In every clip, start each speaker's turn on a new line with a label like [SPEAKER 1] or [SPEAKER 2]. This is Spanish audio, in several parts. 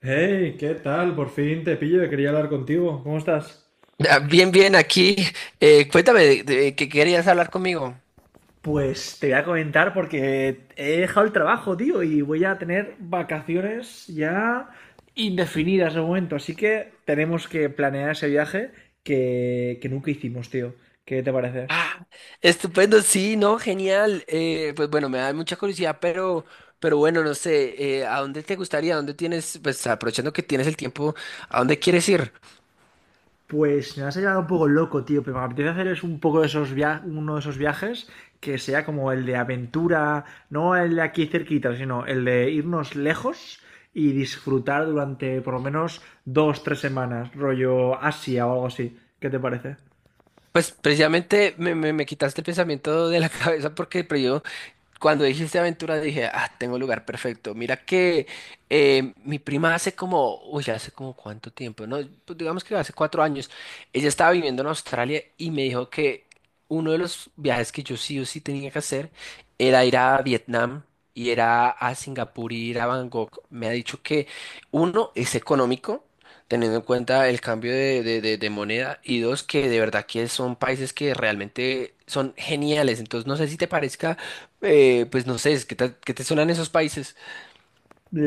[SPEAKER 1] Hey, ¿qué tal? Por fin te pillo, que quería hablar contigo. ¿Cómo estás?
[SPEAKER 2] Ah, bien, bien, aquí. Cuéntame, de ¿qué querías hablar conmigo?
[SPEAKER 1] Pues te voy a comentar porque he dejado el trabajo, tío, y voy a tener vacaciones ya indefinidas de momento. Así que tenemos que planear ese viaje que nunca hicimos, tío. ¿Qué te parece?
[SPEAKER 2] Ah, estupendo, sí, no, genial. Pues bueno, me da mucha curiosidad, pero bueno, no sé, ¿a dónde te gustaría? ¿A dónde tienes, pues aprovechando que tienes el tiempo, a dónde quieres ir?
[SPEAKER 1] Pues me vas a llevar un poco loco, tío, pero me apetece hacer es un poco de uno de esos viajes que sea como el de aventura, no el de aquí cerquita, sino el de irnos lejos y disfrutar durante por lo menos dos, tres semanas, rollo Asia o algo así. ¿Qué te parece?
[SPEAKER 2] Pues precisamente me quitaste el pensamiento de la cabeza porque cuando dijiste aventura dije, ah, tengo el lugar perfecto. Mira que mi prima hace como, uy, ya hace como cuánto tiempo, no, pues digamos que hace 4 años, ella estaba viviendo en Australia y me dijo que uno de los viajes que yo sí o sí tenía que hacer era ir a Vietnam y era a Singapur y ir a Bangkok. Me ha dicho que uno es económico, teniendo en cuenta el cambio de moneda, y dos, que de verdad que son países que realmente son geniales. Entonces no sé si te parezca, pues no sé, ¿qué te suenan esos países?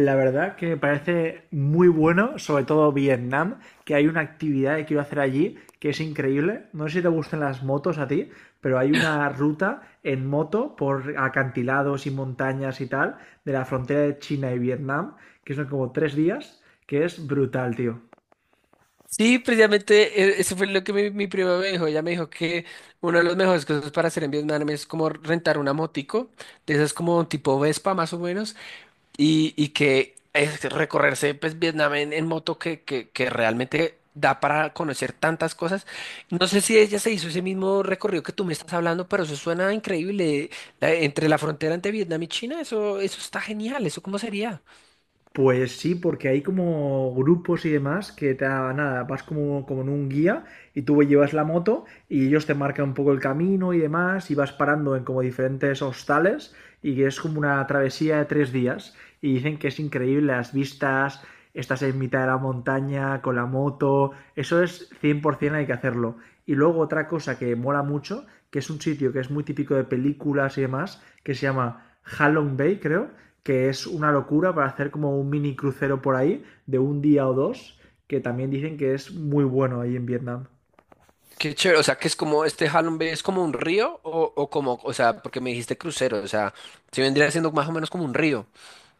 [SPEAKER 1] La verdad que me parece muy bueno, sobre todo Vietnam, que hay una actividad que quiero hacer allí que es increíble. No sé si te gustan las motos a ti, pero hay una ruta en moto por acantilados y montañas y tal de la frontera de China y Vietnam, que son como 3 días, que es brutal, tío.
[SPEAKER 2] Sí, precisamente, eso fue lo que mi prima me dijo. Ella me dijo que una de las mejores cosas para hacer en Vietnam es como rentar una motico, de esas como tipo Vespa más o menos, y que es recorrerse pues Vietnam en moto, que realmente da para conocer tantas cosas. No sé si ella se hizo ese mismo recorrido que tú me estás hablando, pero eso suena increíble. Entre la frontera entre Vietnam y China, eso está genial. ¿Eso cómo sería?
[SPEAKER 1] Pues sí, porque hay como grupos y demás que nada, vas como, como en un guía y tú llevas la moto y ellos te marcan un poco el camino y demás y vas parando en como diferentes hostales y es como una travesía de 3 días y dicen que es increíble las vistas, estás en mitad de la montaña con la moto, eso es 100%, hay que hacerlo. Y luego otra cosa que mola mucho, que es un sitio que es muy típico de películas y demás, que se llama Halong Bay, creo, que es una locura para hacer como un mini crucero por ahí de un día o dos, que también dicen que es muy bueno ahí en Vietnam.
[SPEAKER 2] Qué chévere, o sea, que es como este Halong Bay es como un río o como, o sea, porque me dijiste crucero, o sea, se vendría siendo más o menos como un río.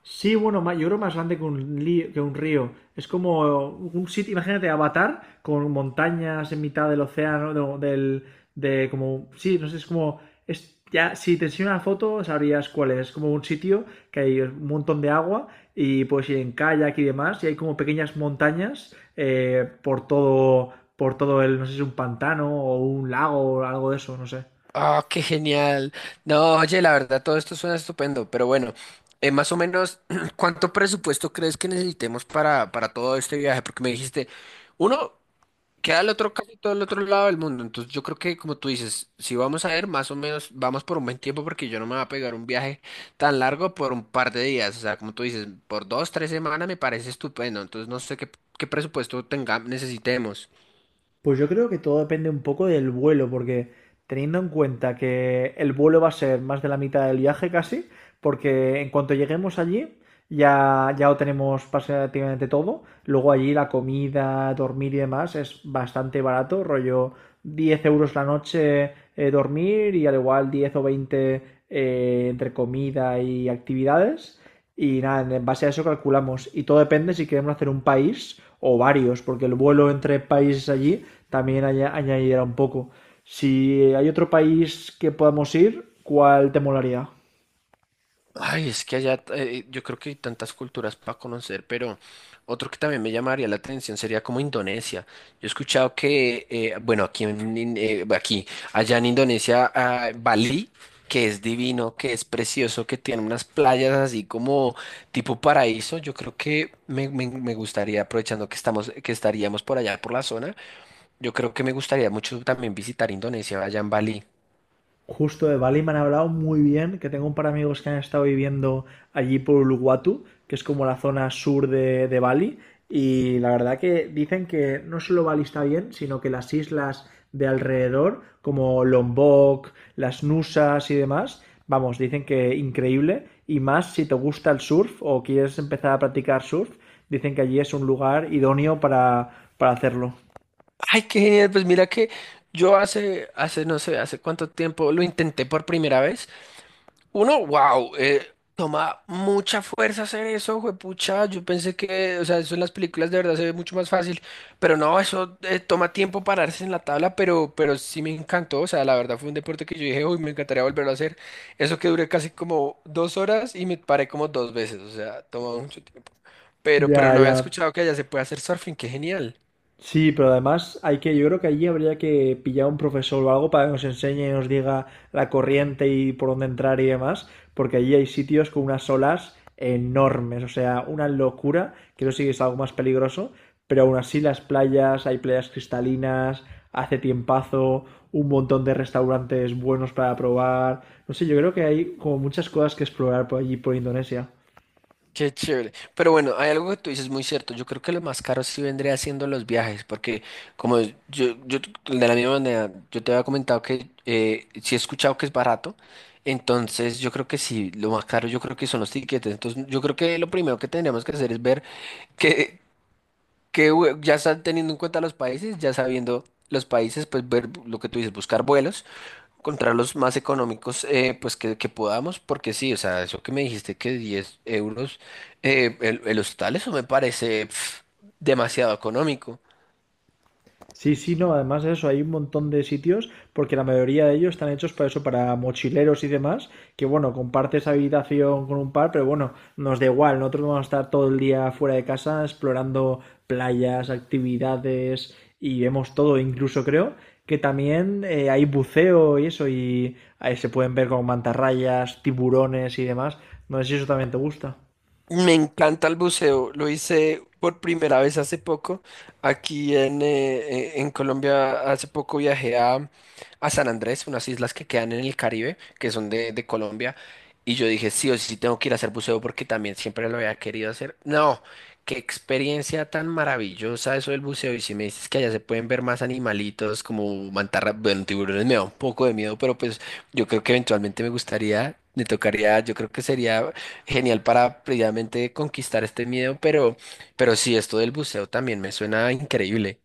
[SPEAKER 1] Sí, bueno, yo creo más grande que un río. Es como un sitio, imagínate, Avatar, con montañas en mitad del océano, no, del, de como, sí, no sé, es como, es, ya, si te enseño una foto sabrías cuál es. Es como un sitio que hay un montón de agua y puedes ir en kayak y demás, y hay como pequeñas montañas por todo, el, no sé si es un pantano o un lago o algo de eso, no sé.
[SPEAKER 2] Ah, qué genial. No, oye, la verdad, todo esto suena estupendo, pero bueno, más o menos, ¿cuánto presupuesto crees que necesitemos para todo este viaje? Porque me dijiste, uno, queda el otro casi todo el otro lado del mundo. Entonces yo creo que como tú dices, si vamos a ir, más o menos vamos por un buen tiempo, porque yo no me voy a pegar un viaje tan largo por un par de días. O sea, como tú dices, por dos, tres semanas me parece estupendo. Entonces no sé qué presupuesto tenga, necesitemos.
[SPEAKER 1] Pues yo creo que todo depende un poco del vuelo, porque teniendo en cuenta que el vuelo va a ser más de la mitad del viaje casi, porque en cuanto lleguemos allí ya, ya lo tenemos prácticamente todo. Luego allí la comida, dormir y demás es bastante barato, rollo 10 euros la noche dormir y al igual 10 o 20 entre comida y actividades. Y nada, en base a eso calculamos. Y todo depende si queremos hacer un país o varios, porque el vuelo entre países allí también añadirá un poco. Si hay otro país que podamos ir, ¿cuál te molaría?
[SPEAKER 2] Ay, es que allá, yo creo que hay tantas culturas para conocer, pero otro que también me llamaría la atención sería como Indonesia. Yo he escuchado que, bueno, aquí, aquí, allá en Indonesia, ah, Bali, que es divino, que es precioso, que tiene unas playas así como tipo paraíso. Yo creo que me gustaría, aprovechando que estamos, que estaríamos por allá por la zona, yo creo que me gustaría mucho también visitar Indonesia, allá en Bali.
[SPEAKER 1] Justo de Bali me han hablado muy bien, que tengo un par de amigos que han estado viviendo allí por Uluwatu, que es como la zona sur de Bali, y la verdad que dicen que no solo Bali está bien, sino que las islas de alrededor, como Lombok, las Nusas y demás, vamos, dicen que increíble, y más si te gusta el surf o quieres empezar a practicar surf, dicen que allí es un lugar idóneo para hacerlo.
[SPEAKER 2] Ay, qué genial. Pues mira que yo hace, no sé, hace cuánto tiempo lo intenté por primera vez. Uno, wow, toma mucha fuerza hacer eso, juepucha. Yo pensé que, o sea, eso en las películas de verdad se ve mucho más fácil, pero no, eso, toma tiempo pararse en la tabla, pero sí me encantó. O sea, la verdad fue un deporte que yo dije, uy, me encantaría volverlo a hacer. Eso que duré casi como 2 horas y me paré como dos veces, o sea, toma mucho tiempo. Pero
[SPEAKER 1] Ya,
[SPEAKER 2] no había
[SPEAKER 1] ya.
[SPEAKER 2] escuchado que allá se puede hacer surfing, qué genial.
[SPEAKER 1] Sí, pero además hay que, yo creo que allí habría que pillar un profesor o algo para que nos enseñe y nos diga la corriente y por dónde entrar y demás, porque allí hay sitios con unas olas enormes, o sea, una locura, que eso sí que es algo más peligroso, pero aún así las playas, hay playas cristalinas, hace tiempazo, un montón de restaurantes buenos para probar, no sé, yo creo que hay como muchas cosas que explorar por allí, por Indonesia.
[SPEAKER 2] Qué chévere. Pero bueno, hay algo que tú dices muy cierto. Yo creo que lo más caro sí vendría siendo los viajes, porque como yo de la misma manera, yo te había comentado que, sí he escuchado que es barato, entonces yo creo que sí, lo más caro yo creo que son los tiquetes. Entonces yo creo que lo primero que tendríamos que hacer es ver qué, ya están teniendo en cuenta los países, ya sabiendo los países, pues ver lo que tú dices, buscar vuelos, encontrar los más económicos, pues que podamos, porque sí, o sea, eso que me dijiste, que 10 euros, el hostal, eso me parece pf, demasiado económico.
[SPEAKER 1] Sí, sí, no, además de eso, hay un montón de sitios, porque la mayoría de ellos están hechos para eso, para mochileros y demás, que bueno, compartes habitación con un par, pero bueno, nos da igual, nosotros vamos a estar todo el día fuera de casa explorando playas, actividades y vemos todo, incluso creo que también hay buceo y eso, y ahí se pueden ver con mantarrayas, tiburones y demás. No sé si eso también te gusta.
[SPEAKER 2] Me encanta el buceo, lo hice por primera vez hace poco. Aquí en Colombia hace poco viajé a San Andrés, unas islas que quedan en el Caribe, que son de Colombia, y yo dije, sí o sí tengo que ir a hacer buceo porque también siempre lo había querido hacer. No, qué experiencia tan maravillosa eso del buceo, y si me dices que allá se pueden ver más animalitos como mantarras, bueno, tiburones me da un poco de miedo, pero pues yo creo que eventualmente me gustaría, me tocaría, yo creo que sería genial para previamente conquistar este miedo, pero sí, esto del buceo también me suena increíble.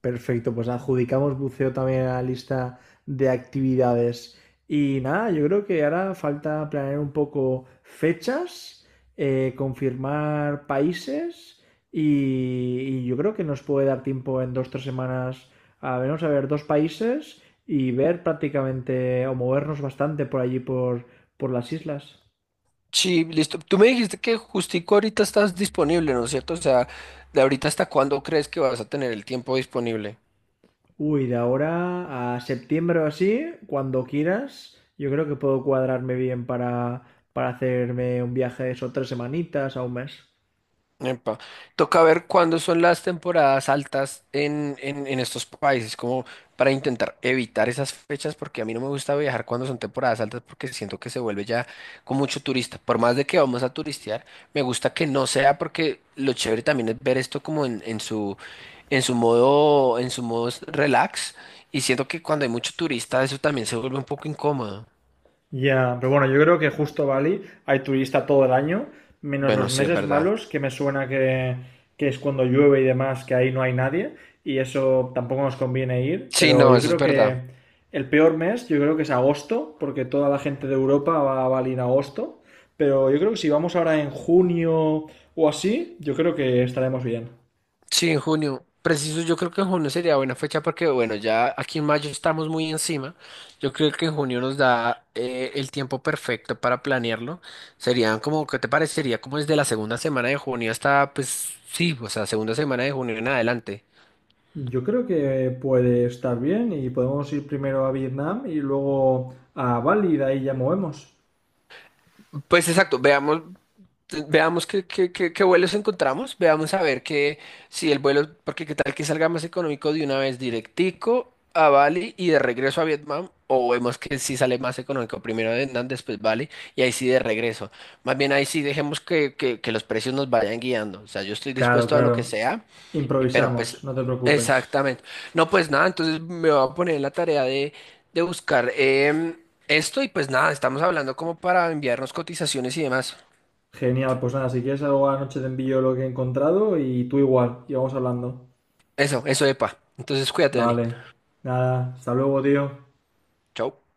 [SPEAKER 1] Perfecto, pues adjudicamos buceo también a la lista de actividades. Y nada, yo creo que ahora falta planear un poco fechas, confirmar países y yo creo que nos puede dar tiempo en 2 o 3 semanas a vernos a ver dos países y ver prácticamente o movernos bastante por allí por las islas.
[SPEAKER 2] Sí, listo. Tú me dijiste que justico ahorita estás disponible, ¿no es cierto? O sea, ¿de ahorita hasta cuándo crees que vas a tener el tiempo disponible?
[SPEAKER 1] Uy, de ahora a septiembre o así, cuando quieras, yo creo que puedo cuadrarme bien para hacerme un viaje de eso, 3 semanitas a un mes.
[SPEAKER 2] Epa. Toca ver cuándo son las temporadas altas en estos países, como para intentar evitar esas fechas, porque a mí no me gusta viajar cuando son temporadas altas, porque siento que se vuelve ya con mucho turista. Por más de que vamos a turistear, me gusta que no sea, porque lo chévere también es ver esto como en su modo, relax, y siento que cuando hay mucho turista, eso también se vuelve un poco incómodo.
[SPEAKER 1] Ya, pero bueno, yo creo que justo Bali hay turista todo el año, menos los
[SPEAKER 2] Bueno, sí, es
[SPEAKER 1] meses
[SPEAKER 2] verdad.
[SPEAKER 1] malos, que me suena que es cuando llueve y demás, que ahí no hay nadie, y eso tampoco nos conviene ir,
[SPEAKER 2] Sí,
[SPEAKER 1] pero
[SPEAKER 2] no,
[SPEAKER 1] yo
[SPEAKER 2] eso es
[SPEAKER 1] creo que
[SPEAKER 2] verdad.
[SPEAKER 1] el peor mes, yo creo que es agosto, porque toda la gente de Europa va a Bali en agosto, pero yo creo que si vamos ahora en junio o así, yo creo que estaremos bien.
[SPEAKER 2] Sí, en junio. Preciso, yo creo que en junio sería buena fecha porque, bueno, ya aquí en mayo estamos muy encima. Yo creo que en junio nos da, el tiempo perfecto para planearlo. Serían como, ¿qué te parecería? Como desde la segunda semana de junio hasta, pues sí, o sea, segunda semana de junio en adelante.
[SPEAKER 1] Yo creo que puede estar bien y podemos ir primero a Vietnam y luego a Bali y de ahí ya movemos.
[SPEAKER 2] Pues exacto, veamos. Veamos qué vuelos encontramos, veamos a ver que si el vuelo, porque qué tal que salga más económico de una vez directico a Bali y de regreso a Vietnam, o vemos que si sale más económico primero Vietnam, después Bali y ahí sí de regreso. Más bien ahí sí dejemos que los precios nos vayan guiando, o sea, yo estoy
[SPEAKER 1] Claro,
[SPEAKER 2] dispuesto a lo
[SPEAKER 1] claro.
[SPEAKER 2] que sea. Pero
[SPEAKER 1] Improvisamos,
[SPEAKER 2] pues,
[SPEAKER 1] no te preocupes.
[SPEAKER 2] exactamente. No, pues nada, entonces me voy a poner en la tarea de buscar, esto, y pues nada, estamos hablando como para enviarnos cotizaciones y demás.
[SPEAKER 1] Genial, pues nada, si quieres algo a la noche te envío lo que he encontrado y tú igual, y vamos hablando.
[SPEAKER 2] Eso, epa. Entonces, cuídate, Dani.
[SPEAKER 1] Vale, nada, hasta luego, tío.
[SPEAKER 2] Chao.